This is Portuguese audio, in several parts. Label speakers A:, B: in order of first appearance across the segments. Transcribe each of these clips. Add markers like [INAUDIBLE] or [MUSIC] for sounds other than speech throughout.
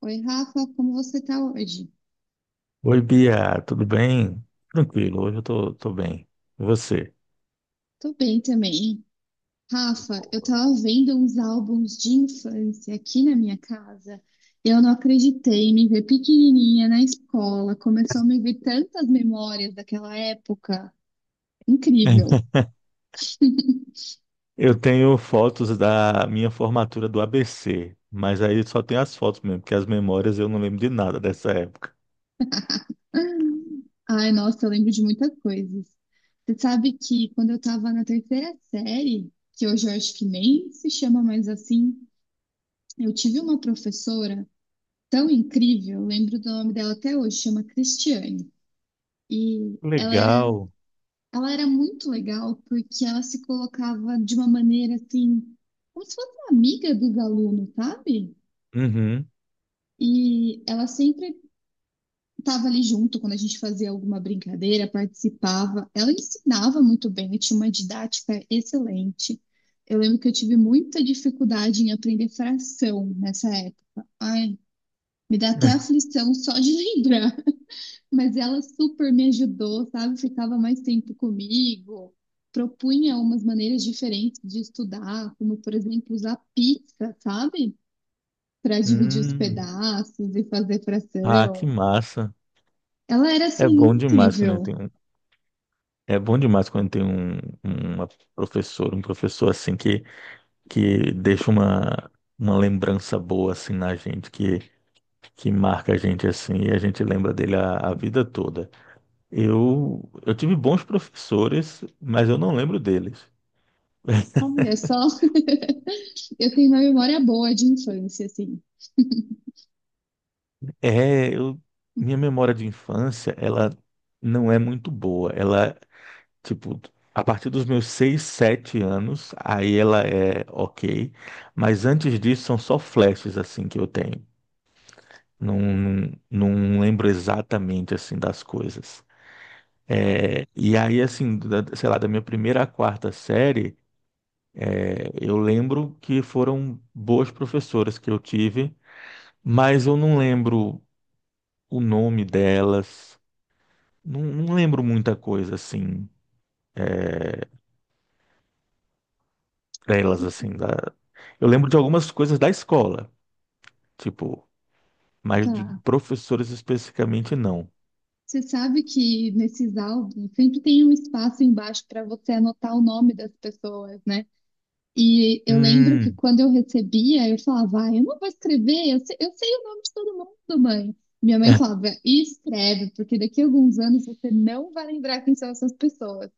A: Oi, Rafa, como você tá hoje?
B: Oi, Bia, tudo bem? Tranquilo, hoje eu tô bem. E você?
A: Tô bem também. Rafa, eu
B: Boa.
A: tava vendo uns álbuns de infância aqui na minha casa e eu não acreditei, me ver pequenininha na escola, começou a me vir tantas memórias daquela época. Incrível.
B: [LAUGHS] Eu tenho fotos da minha formatura do ABC, mas aí só tem as fotos mesmo, porque as memórias eu não lembro de nada dessa época.
A: Ai, nossa, eu lembro de muitas coisas. Você sabe que quando eu estava na terceira série, que hoje eu acho que nem se chama mais assim, eu tive uma professora tão incrível, eu lembro do nome dela até hoje, chama Cristiane. E ela era,
B: Legal.
A: ela era muito legal porque ela se colocava de uma maneira assim, como se fosse uma amiga dos alunos, sabe?
B: Uhum.
A: E ela sempre estava ali junto quando a gente fazia alguma brincadeira, participava. Ela ensinava muito bem, tinha uma didática excelente. Eu lembro que eu tive muita dificuldade em aprender fração nessa época. Ai, me dá até
B: [LAUGHS]
A: aflição só de [LAUGHS] lembrar. Mas ela super me ajudou, sabe? Ficava mais tempo comigo, propunha umas maneiras diferentes de estudar, como, por exemplo, usar pizza, sabe? Para dividir os
B: Hum.
A: pedaços e fazer
B: Ah, que
A: fração.
B: massa.
A: Ela era assim
B: É bom demais quando
A: incrível.
B: tem um, é bom demais quando tem um, uma professora, um professor assim que deixa uma lembrança boa assim na gente, que marca a gente assim e a gente lembra dele a vida toda. Eu tive bons professores, mas eu não lembro deles. [LAUGHS]
A: Olha só, [LAUGHS] eu tenho uma memória boa de infância, assim.
B: É, eu, minha memória de infância, ela não é muito boa. Ela, tipo, a partir dos meus 6 7 anos, aí ela é ok, mas antes disso são só flashes assim que eu tenho. Não lembro exatamente assim das coisas. É, e aí, assim, sei lá, da minha primeira à quarta série. Eu lembro que foram boas professoras que eu tive, mas eu não lembro o nome delas, não lembro muita coisa assim, é, delas assim, da... Eu lembro de algumas coisas da escola, tipo, mas de
A: Tá.
B: professores especificamente não.
A: Você sabe que nesses álbuns sempre tem um espaço embaixo para você anotar o nome das pessoas, né? E eu lembro que
B: Hum,
A: quando eu recebia, eu falava, ah, eu não vou escrever, eu sei o nome de todo mundo, mãe. Minha mãe
B: é,
A: falava, escreve, porque daqui a alguns anos você não vai lembrar quem são essas pessoas.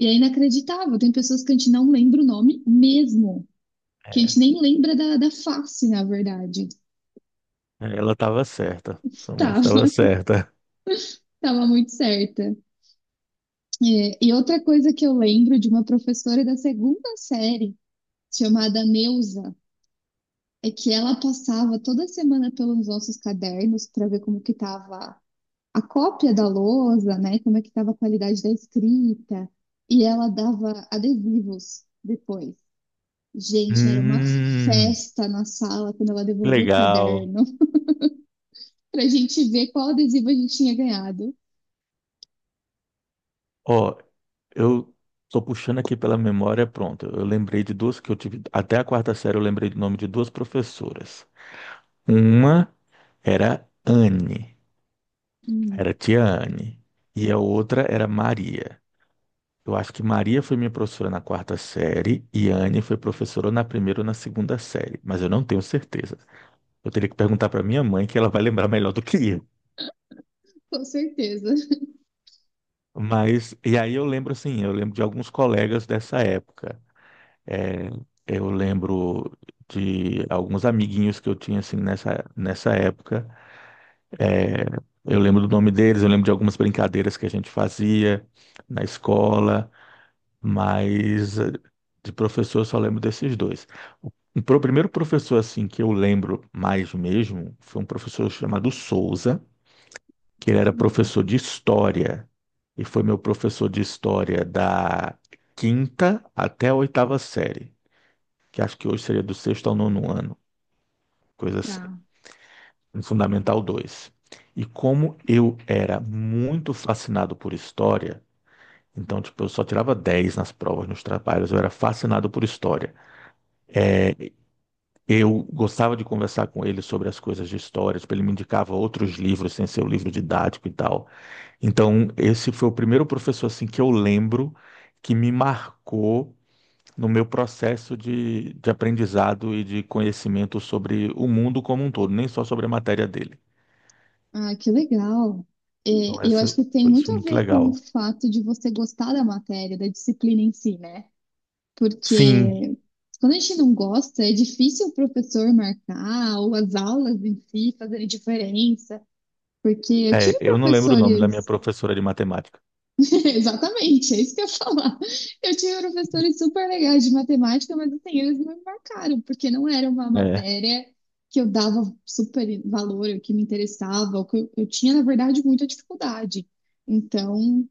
A: E é inacreditável, tem pessoas que a gente não lembra o nome mesmo, que a
B: é,
A: gente nem lembra da face, na verdade.
B: ela estava certa, sua mãe
A: Tava,
B: estava
A: [LAUGHS]
B: certa.
A: tava muito certa. É, e outra coisa que eu lembro de uma professora da segunda série, chamada Neuza, é que ela passava toda semana pelos nossos cadernos para ver como que estava a cópia da lousa, né? Como é que estava a qualidade da escrita. E ela dava adesivos depois. Gente, era uma
B: Hum,
A: festa na sala quando ela devolvia o
B: legal.
A: caderno [LAUGHS] para a gente ver qual adesivo a gente tinha ganhado.
B: Ó, eu tô puxando aqui pela memória, pronto. Eu lembrei de duas que eu tive. Até a quarta série eu lembrei do nome de duas professoras. Uma era Anne,
A: Hum,
B: era tia Anne. E a outra era Maria. Eu acho que Maria foi minha professora na quarta série e Anne foi professora na primeira ou na segunda série, mas eu não tenho certeza. Eu teria que perguntar para minha mãe, que ela vai lembrar melhor do que eu.
A: com certeza. [LAUGHS]
B: Mas, e aí eu lembro assim, eu lembro de alguns colegas dessa época. É, eu lembro de alguns amiguinhos que eu tinha assim nessa época. É, eu lembro do nome deles, eu lembro de algumas brincadeiras que a gente fazia na escola, mas de professor eu só lembro desses dois. O primeiro professor assim que eu lembro mais mesmo foi um professor chamado Souza, que ele era
A: Hum.
B: professor de história e foi meu professor de história da quinta até a oitava série, que acho que hoje seria do sexto ao nono ano, coisa assim,
A: Tá.
B: no Fundamental dois. E como eu era muito fascinado por história, então, tipo, eu só tirava 10 nas provas, nos trabalhos, eu era fascinado por história. Eu gostava de conversar com ele sobre as coisas de história, tipo, ele me indicava outros livros, sem ser o livro didático e tal. Então, esse foi o primeiro professor, assim, que eu lembro que me marcou no meu processo de aprendizado e de conhecimento sobre o mundo como um todo, nem só sobre a matéria dele.
A: Ah, que legal. É,
B: Então,
A: eu acho que tem
B: isso
A: muito
B: foi
A: a
B: muito
A: ver com o
B: legal.
A: fato de você gostar da matéria, da disciplina em si, né?
B: Sim,
A: Porque quando a gente não gosta, é difícil o professor marcar ou as aulas em si fazerem diferença. Porque eu
B: é,
A: tive
B: eu não lembro o nome da minha
A: professores,
B: professora de matemática.
A: [LAUGHS] exatamente, é isso que eu ia falar. Eu tive professores super legais de matemática, mas assim, eles não me marcaram, porque não era uma
B: É.
A: matéria que eu dava super valor, ou que me interessava, ou que eu tinha, na verdade, muita dificuldade. Então,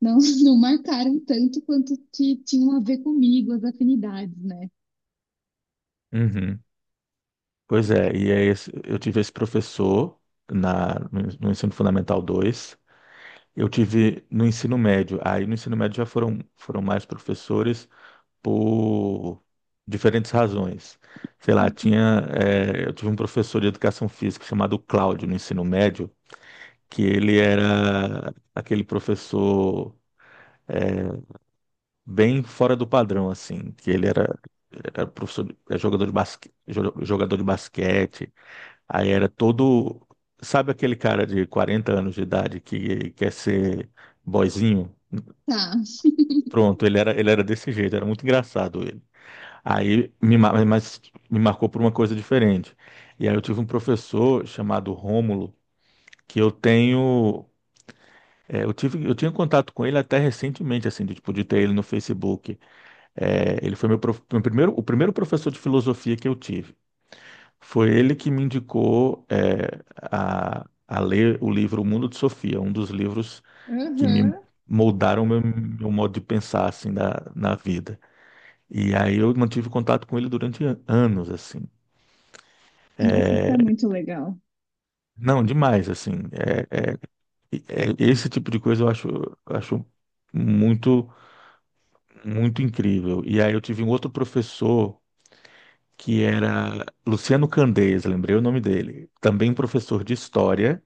A: não, [LAUGHS] não marcaram tanto quanto que tinham a ver comigo, as afinidades, né?
B: Uhum. Pois é, e é eu tive esse professor na, no no Ensino Fundamental 2. Eu tive no ensino médio. Aí no ensino médio já foram mais professores por diferentes razões. Sei lá,
A: Uhum.
B: tinha, eu tive um professor de educação física chamado Cláudio no ensino médio, que ele era aquele professor bem fora do padrão, assim, que era professor, era jogador de basque, jogador de basquete, aí era todo, sabe aquele cara de 40 anos de idade que quer ser boyzinho?
A: Tá.
B: Pronto, ele era desse jeito, era muito engraçado ele. Mas me marcou por uma coisa diferente. E aí eu tive um professor chamado Rômulo, que eu tenho. É, eu tinha contato com ele até recentemente, assim, de, tipo, de ter ele no Facebook. É, ele foi meu, prof- meu primeiro, o primeiro professor de filosofia que eu tive. Foi ele que me indicou, é, a ler o livro O Mundo de Sofia, um dos livros que me
A: Uhum.
B: moldaram meu modo de pensar, assim, na vida. E aí eu mantive contato com ele durante anos, assim.
A: Nossa, isso é muito legal.
B: Não, demais, assim. Esse tipo de coisa eu acho muito, muito incrível. E aí eu tive um outro professor que era Luciano Candeias, lembrei o nome dele. Também professor de história,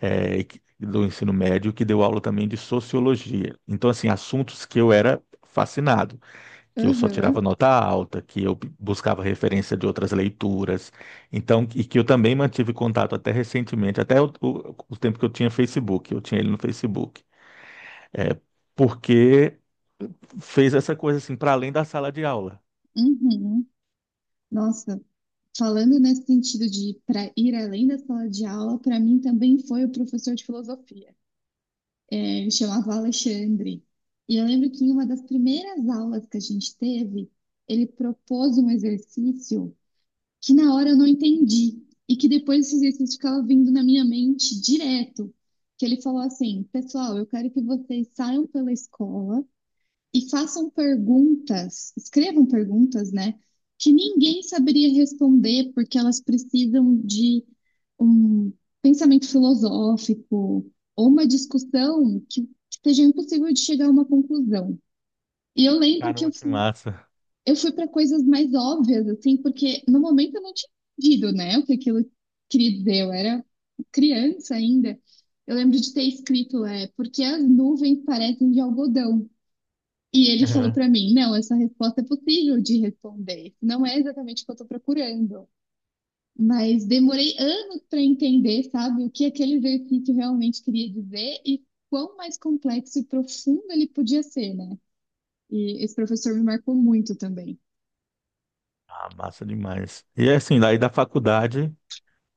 B: é, do ensino médio, que deu aula também de sociologia. Então, assim, assuntos que eu era fascinado, que eu só tirava
A: Uhum.
B: nota alta, que eu buscava referência de outras leituras, então, e que eu também mantive contato até recentemente, até o tempo que eu tinha Facebook, eu tinha ele no Facebook, é, porque fez essa coisa assim para além da sala de aula.
A: Uhum. Nossa, falando nesse sentido de para ir além da sala de aula, para mim também foi o professor de filosofia. É, ele chamava Alexandre. E eu lembro que em uma das primeiras aulas que a gente teve, ele propôs um exercício que na hora eu não entendi e que depois esse exercício ficava vindo na minha mente direto. Que ele falou assim: Pessoal, eu quero que vocês saiam pela escola e façam perguntas, escrevam perguntas, né? Que ninguém saberia responder, porque elas precisam de um pensamento filosófico ou uma discussão que seja impossível de chegar a uma conclusão. E eu lembro que
B: Caramba,
A: eu
B: que
A: fui,
B: massa!
A: eu fui para coisas mais óbvias, assim, porque no momento eu não tinha entendido, né, o que aquilo queria dizer, eu era criança ainda. Eu lembro de ter escrito, é, porque as nuvens parecem de algodão. E ele falou
B: Uhum.
A: para
B: [LAUGHS]
A: mim: não, essa resposta é possível de responder. Não é exatamente o que eu estou procurando. Mas demorei anos para entender, sabe, o que aquele exercício realmente queria dizer e quão mais complexo e profundo ele podia ser, né? E esse professor me marcou muito também.
B: Ah, massa demais. E assim, daí da faculdade.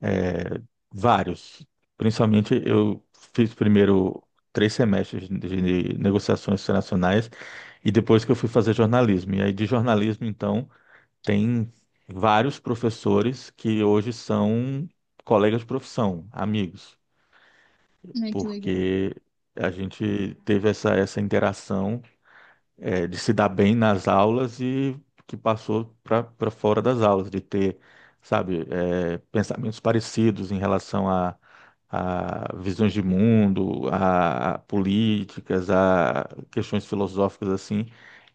B: É, vários. Principalmente eu fiz primeiro 3 semestres de negociações internacionais e depois que eu fui fazer jornalismo. E aí de jornalismo, então, tem vários professores que hoje são colegas de profissão, amigos,
A: Ai, que legal.
B: porque a gente teve essa interação, é, de se dar bem nas aulas e que passou para fora das aulas, de ter, sabe, é, pensamentos parecidos em relação a visões de mundo, a políticas, a questões filosóficas assim,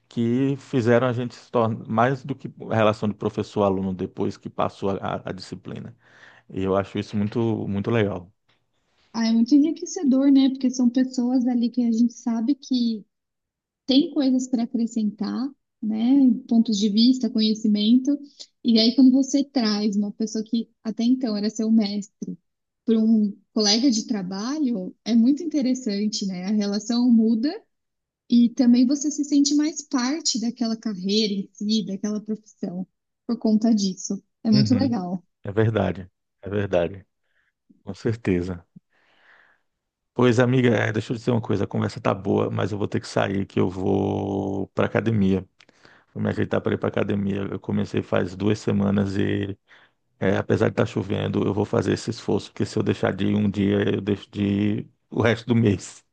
B: que fizeram a gente se tornar mais do que a relação de professor-aluno depois que passou a disciplina. E eu acho isso muito, muito legal.
A: Ah, é muito enriquecedor, né? Porque são pessoas ali que a gente sabe que tem coisas para acrescentar, né? Pontos de vista, conhecimento. E aí, quando você traz uma pessoa que até então era seu mestre para um colega de trabalho, é muito interessante, né? A relação muda e também você se sente mais parte daquela carreira em si, daquela profissão, por conta disso. É muito
B: Uhum,
A: legal.
B: é verdade, é verdade, com certeza. Pois, amiga, é, deixa eu dizer uma coisa, a conversa tá boa, mas eu vou ter que sair, que eu vou pra academia. Vou me ajeitar para ir pra academia. Eu comecei faz 2 semanas e, é, apesar de estar chovendo, eu vou fazer esse esforço, porque se eu deixar de ir um dia, eu deixo de ir o resto do mês.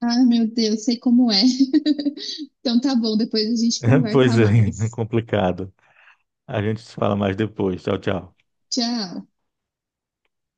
A: Ah, meu Deus, sei como é. [LAUGHS] Então tá bom, depois a gente
B: [LAUGHS]
A: conversa
B: Pois é, [LAUGHS]
A: mais.
B: complicado. A gente se fala mais depois. Tchau, tchau.
A: Tchau.